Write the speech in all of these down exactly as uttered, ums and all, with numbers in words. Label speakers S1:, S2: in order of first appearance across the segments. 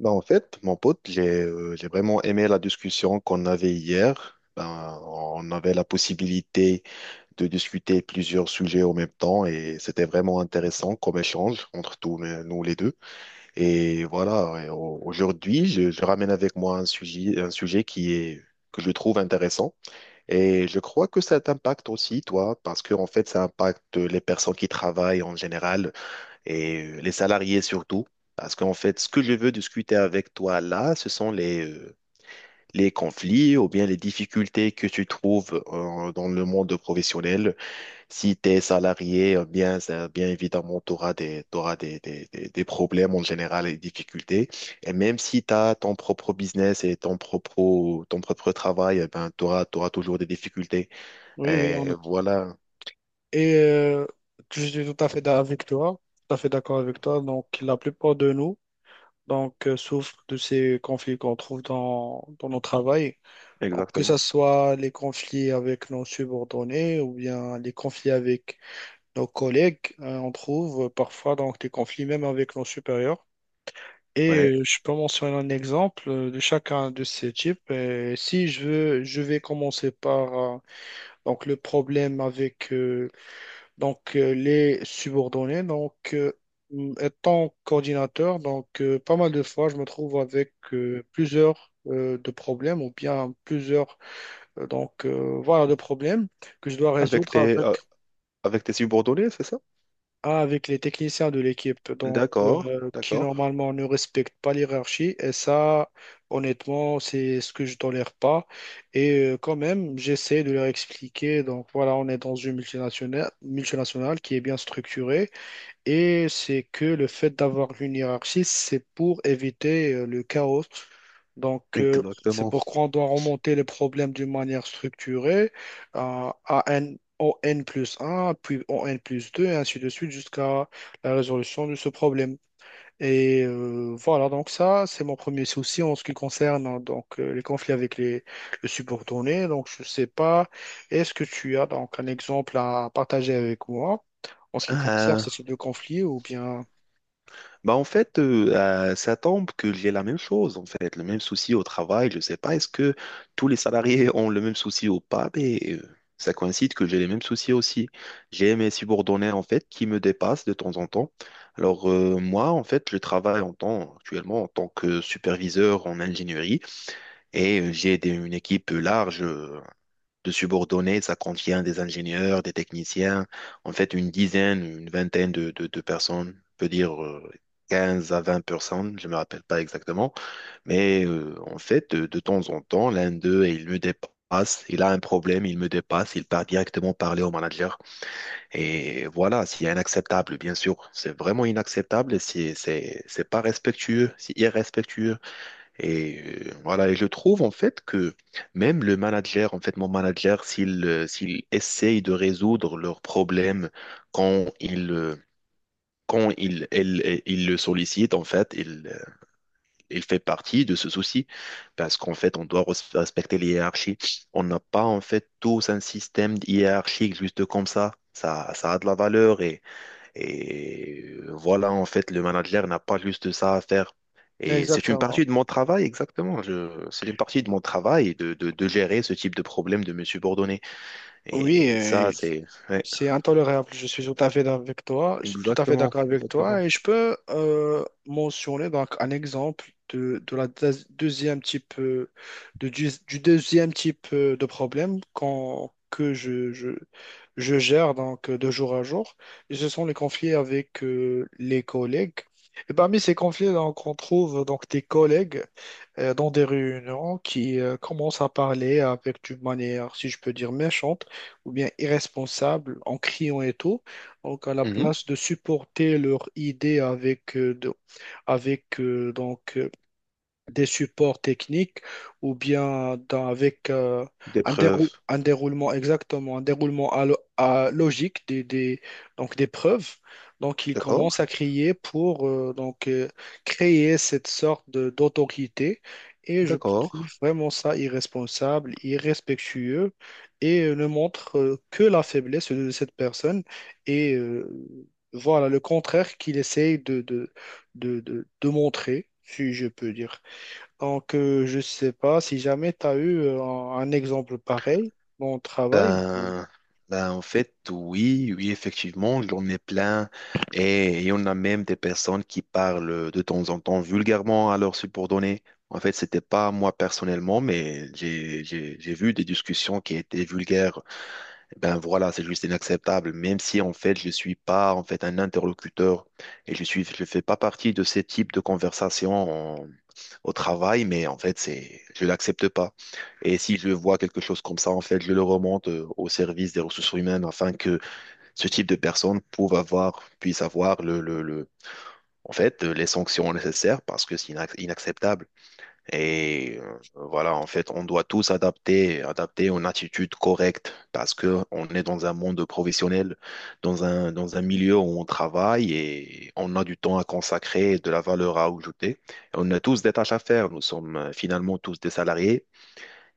S1: Ben, en fait, mon pote, j'ai euh, j'ai vraiment aimé la discussion qu'on avait hier. Ben, on avait la possibilité de discuter plusieurs sujets en même temps et c'était vraiment intéressant comme échange entre tous les- nous les deux. Et voilà, et au- aujourd'hui, je, je ramène avec moi un sujet, un sujet qui est, que je trouve intéressant et je crois que ça t'impacte aussi, toi, parce que en fait, ça impacte les personnes qui travaillent en général et euh, les salariés surtout. Parce qu'en fait, ce que je veux discuter avec toi là, ce sont les, euh, les conflits ou bien les difficultés que tu trouves euh, dans le monde professionnel. Si tu es salarié, euh, bien, ça- bien évidemment, tu auras des, t'auras des, des, des- des problèmes en général et des difficultés. Et même si tu as ton propre business et ton propre, ton propre travail, eh ben, tu auras, toujours des difficultés.
S2: Oui, oui,
S1: Et
S2: on a...
S1: voilà,
S2: et euh, je suis tout à fait d'a- avec toi, tout à fait d'accord avec toi. Donc, la plupart de nous donc, euh, souffrent de ces conflits qu'on trouve dans, dans nos travail. Donc, que ce
S1: exactement.
S2: soit les conflits avec nos subordonnés ou bien les conflits avec nos collègues, hein, on trouve parfois donc, des conflits même avec nos supérieurs.
S1: Ouais.
S2: Et euh, je peux mentionner un exemple euh, de chacun de ces types. Et si je veux, je vais commencer par euh, donc, le problème avec... euh, Donc, euh, les subordonnés, donc, euh, m- étant coordinateur, donc, euh, pas mal de fois, je me trouve avec euh, plusieurs euh, de problèmes ou bien plusieurs, euh, donc, euh, voilà, de problèmes que je dois
S1: Avec
S2: résoudre
S1: tes,
S2: avec,
S1: euh, avec tes subordonnés, c'est ça?
S2: avec les techniciens de l'équipe, donc,
S1: D'accord,
S2: euh, qui
S1: d'accord,
S2: normalement ne respectent pas l'hierarchie. Et ça, honnêtement, c'est ce que je tolère pas. Et euh, quand même, j'essaie de leur expliquer, donc, voilà, on est dans une multinationale, multinationale qui est bien structurée. Et c'est que le fait d'avoir une hiérarchie, c'est pour éviter euh, le chaos. Donc, euh, c'est
S1: exactement.
S2: pourquoi on doit remonter les problèmes d'une manière structurée à à N, au N plus un, puis au N plus deux, et ainsi de suite, jusqu'à la résolution de ce problème. Et euh, voilà, donc ça, c'est mon premier souci en ce qui concerne hein, donc, euh, les conflits avec les, le subordonné. Donc, je ne sais pas, est-ce que tu as donc un exemple à partager avec moi en ce qui concerne
S1: Euh,
S2: ces deux conflits ou bien...
S1: Bah en fait, euh, euh, ça tombe que j'ai la même chose, en fait, le même souci au travail. Je ne sais pas, est-ce que tous les salariés ont le même souci ou pas, mais euh, ça coïncide que j'ai les mêmes soucis aussi. J'ai mes subordonnés, en fait, qui me dépassent de temps en temps. Alors, euh, moi, en fait, je travaille en tant, actuellement en tant que superviseur en ingénierie et euh, j'ai des- une équipe large. euh, de subordonnés. Ça contient des ingénieurs, des techniciens, en fait une dizaine, une vingtaine de, de- de personnes, on peut dire euh, quinze à vingt personnes, je ne me rappelle pas exactement. Mais euh, en fait, de, de temps en temps, l'un d'eux, il me dépasse, il a un problème, il me dépasse, il part directement parler au manager. Et voilà, c'est inacceptable, bien sûr. C'est vraiment inacceptable, c'est c'est- c'est pas respectueux, c'est irrespectueux. Et euh, voilà, et je trouve en fait que même le manager, en fait, mon manager, s'il euh, s'il essaye de résoudre leurs problèmes quand il euh, quand il, elle- elle- il le sollicite, en fait, il, euh, il fait partie de ce souci parce qu'en fait, on doit res- respecter les hiérarchies. On n'a pas en fait tous un système hiérarchique juste comme ça. Ça, ça a de la valeur et et voilà, en fait, le manager n'a pas juste ça à faire. Et c'est une
S2: Exactement.
S1: partie de mon travail, exactement. Je- c'est une partie de mon travail de, de, de gérer ce type de problème de mes subordonnés.
S2: Oui,
S1: Et ça, c'est... Ouais,
S2: c'est intolérable, je suis tout à fait d'accord avec toi, je suis tout à fait
S1: exactement,
S2: d'accord avec
S1: exactement.
S2: toi et je peux euh, mentionner donc un exemple de, de la deuxi- deuxième type euh, de, du, du deuxième type euh, de problème qu'on- que je, je, je gère donc euh, de jour à jour. Et ce sont les conflits avec euh, les collègues. Et parmi ces conflits, donc, on trouve donc des collègues euh, dans des réunions qui euh, commencent à parler avec d'une manière, si je peux dire, méchante ou bien irresponsable, en criant et tout. Donc, à la
S1: Mhm.
S2: place de supporter leurs idées avec, euh, de- avec euh, donc, euh, des supports techniques ou bien dans- avec euh,
S1: Des
S2: un, dérou-
S1: preuves.
S2: un déroulement exactement, un déroulement à lo- à logique des, des- donc des preuves. Donc, il
S1: D'accord,
S2: commence à crier pour euh, donc, euh, créer cette sorte de- d'autorité. Et je
S1: d'accord.
S2: trouve vraiment ça irresponsable, irrespectueux et euh, ne montre euh, que la faiblesse de cette personne. Et euh, voilà, le contraire qu'il essaye de, de, de, de de montrer, si je peux dire. Donc, euh, je sais pas si jamais tu as eu euh, un, un exemple pareil dans le travail.
S1: Ben, ben, en fait, oui, oui, effectivement, j'en ai plein. Et, et on a même des personnes qui parlent de temps en temps vulgairement à leurs subordonnés. En fait, c'était pas moi personnellement, mais j'ai, j'ai, j'ai vu des discussions qui étaient vulgaires ben voilà, c'est juste inacceptable. Même si en fait je suis pas en fait un interlocuteur et je suis je fais pas partie de ces types de conversations en- au travail, mais en fait c'est je l'accepte pas. Et si je vois quelque chose comme ça, en fait je le remonte euh, au service des ressources humaines afin que ce type de personnes puisse avoir puisse avoir le, le, le- en fait euh, les sanctions nécessaires parce que c'est inac- inacceptable. Et euh, voilà, en fait, on doit tous adapter, adapter une attitude correcte parce que on est dans un monde professionnel, dans un, dans un milieu où on travaille et on a du temps à consacrer, de la valeur à ajouter. On a tous des tâches à faire. Nous sommes euh, finalement tous des salariés.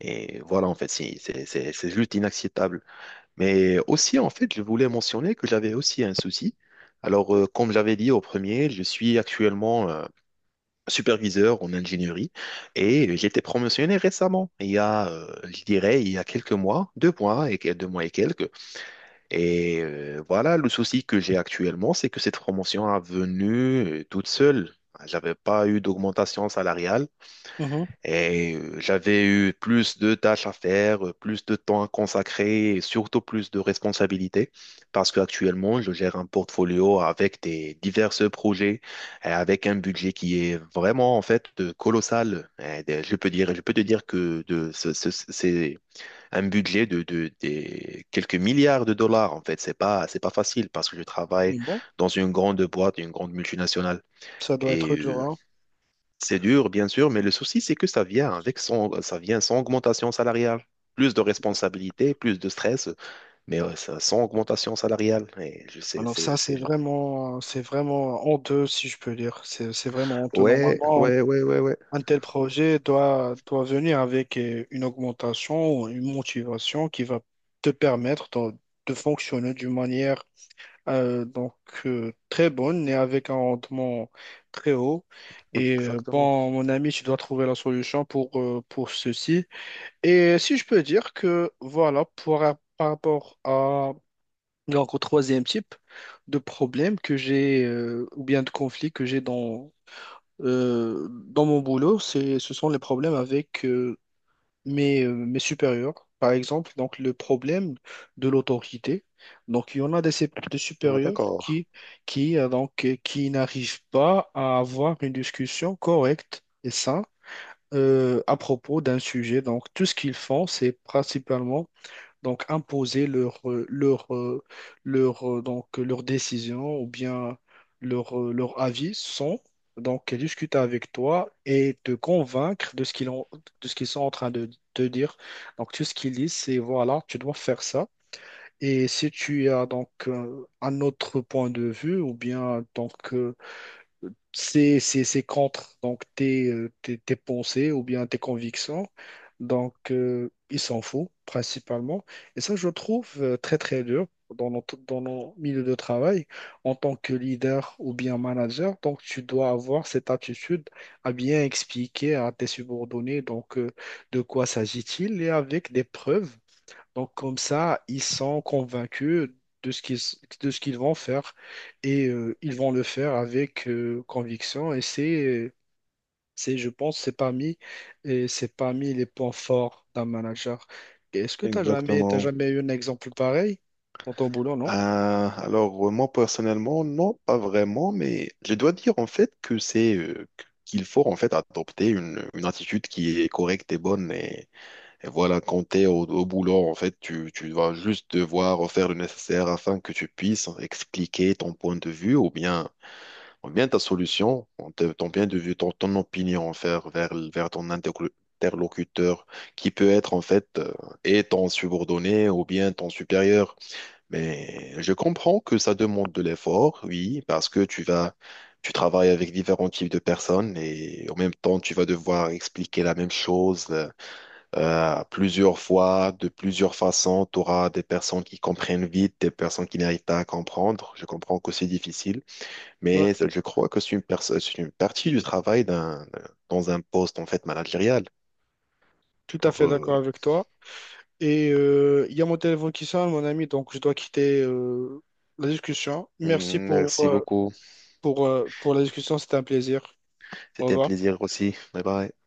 S1: Et voilà, en fait, si- c'est c'est- c'est juste inacceptable. Mais aussi, en fait, je voulais mentionner que j'avais aussi un souci. Alors, euh, comme j'avais dit au premier, je suis actuellement euh, superviseur en ingénierie et j'ai été promotionné récemment, il y a, euh, je dirais, il y a quelques mois, deux mois et que- deux mois et quelques. Et euh, voilà, le souci que j'ai actuellement, c'est que cette promotion est venue euh, toute seule. J'avais pas eu d'augmentation salariale.
S2: Mhm.
S1: Et euh, j'avais eu plus de tâches à faire, euh, plus de temps à consacrer et surtout plus de responsabilités parce qu'actuellement, je gère un portfolio avec des divers projets et avec un budget qui est vraiment en fait euh, colossal. Et des- Je peux dire, je peux te dire que de, ce- ce- ce- c'est un budget de, de- des quelques milliards de dollars en fait. C'est pas, c'est pas facile parce que je travaille
S2: Bon,
S1: dans une grande boîte, une grande multinationale.
S2: ça doit
S1: Et
S2: être dur,
S1: euh,
S2: hein.
S1: c'est dur, bien sûr, mais le souci, c'est que ça vient avec son, ça vient sans augmentation salariale. Plus de responsabilités, plus de stress, mais euh, ça- sans augmentation salariale. Et je sais,
S2: Alors
S1: c'est,
S2: ça, c'est
S1: c'est...
S2: vraiment, c'est vraiment honteux, si je peux dire. C'est, c'est vraiment honteux.
S1: Ouais,
S2: Normalement, un,
S1: ouais, ouais, ouais, ouais.
S2: un tel projet doit, doit venir avec euh, une augmentation ou une motivation qui va te permettre de, de fonctionner d'une manière Euh, donc euh, très bonne et avec un rendement très haut. Et euh,
S1: Exactement.
S2: bon, mon ami, tu dois trouver la solution pour, euh, pour ceci. Et si je peux dire que voilà, pour, par rapport à donc, au troisième type de problème que j'ai euh, ou bien de conflit que j'ai dans, euh, dans mon boulot, c'est, ce sont les problèmes avec euh, mes, euh, mes supérieurs, par exemple, donc le problème de l'autorité. Donc, il y en a des, sé- des
S1: Ouais,
S2: supérieurs
S1: d'accord.
S2: qui, qui, euh, donc, euh, qui n'arrivent pas à avoir une discussion correcte et saine euh, à propos d'un sujet. Donc, tout ce qu'ils font, c'est principalement donc imposer leur, euh, leur, euh, leur, euh, donc, euh, leur décision ou bien leur, euh, leur avis sans donc discuter avec toi et te convaincre de ce qu'ils ont, de ce qu'ils sont en train de te dire. Donc tout ce qu'ils disent, c'est voilà, tu dois faire ça. Et si tu as donc euh, un autre point de vue ou bien donc euh, c'est c'est- c'est contre donc tes, euh, tes, tes pensées ou bien tes convictions. Donc, euh, il s'en fout principalement. Et ça, je trouve euh, très, très dur dans nos, dans nos milieux de travail. En tant que leader ou bien manager, donc tu dois avoir cette attitude à bien expliquer à tes subordonnés donc, euh, de quoi s'agit-il et avec des preuves donc comme ça, ils sont convaincus de ce qu'ils de ce qu'ils vont faire et euh, ils vont le faire avec euh, conviction. Et c'est, c'est, je pense, c'est parmi, et c'est parmi les points forts d'un manager. Est-ce que tu as jamais, T'as
S1: Exactement.
S2: jamais eu un exemple pareil dans ton boulot,
S1: Euh,
S2: non?
S1: alors, euh, moi, personnellement, non, pas vraiment, mais je dois dire, en fait, que c'est, euh, qu'il faut, en fait, adopter une, une attitude qui est correcte et bonne. Et voilà, quand t'es au, au boulot, en fait, tu, tu vas juste devoir faire le nécessaire afin que tu puisses expliquer ton point de vue ou bien, ou bien ta solution, ton ton point de vue, ton, ton opinion en fait, vers, vers ton interlo- interlocuteur qui peut être en fait euh, et ton subordonné ou bien ton supérieur. Mais je comprends que ça demande de l'effort, oui, parce que tu vas, tu travailles avec différents types de personnes et en même temps, tu vas devoir expliquer la même chose euh, euh, plusieurs fois, de plusieurs façons. Tu auras des personnes qui comprennent vite, des personnes qui n'arrivent pas à comprendre. Je comprends que c'est difficile,
S2: Ouais,
S1: mais je crois que c'est une, pers- c'est une partie du travail d'un, dans un poste en fait managérial.
S2: tout à
S1: Alors,
S2: fait
S1: euh,
S2: d'accord avec toi. Et euh, il y a mon téléphone qui sonne, mon ami, donc je dois quitter euh, la discussion. Merci pour,
S1: merci
S2: euh,
S1: beaucoup.
S2: pour, euh, pour la discussion, c'était un plaisir. Au
S1: C'était un
S2: revoir.
S1: plaisir aussi. Bye bye.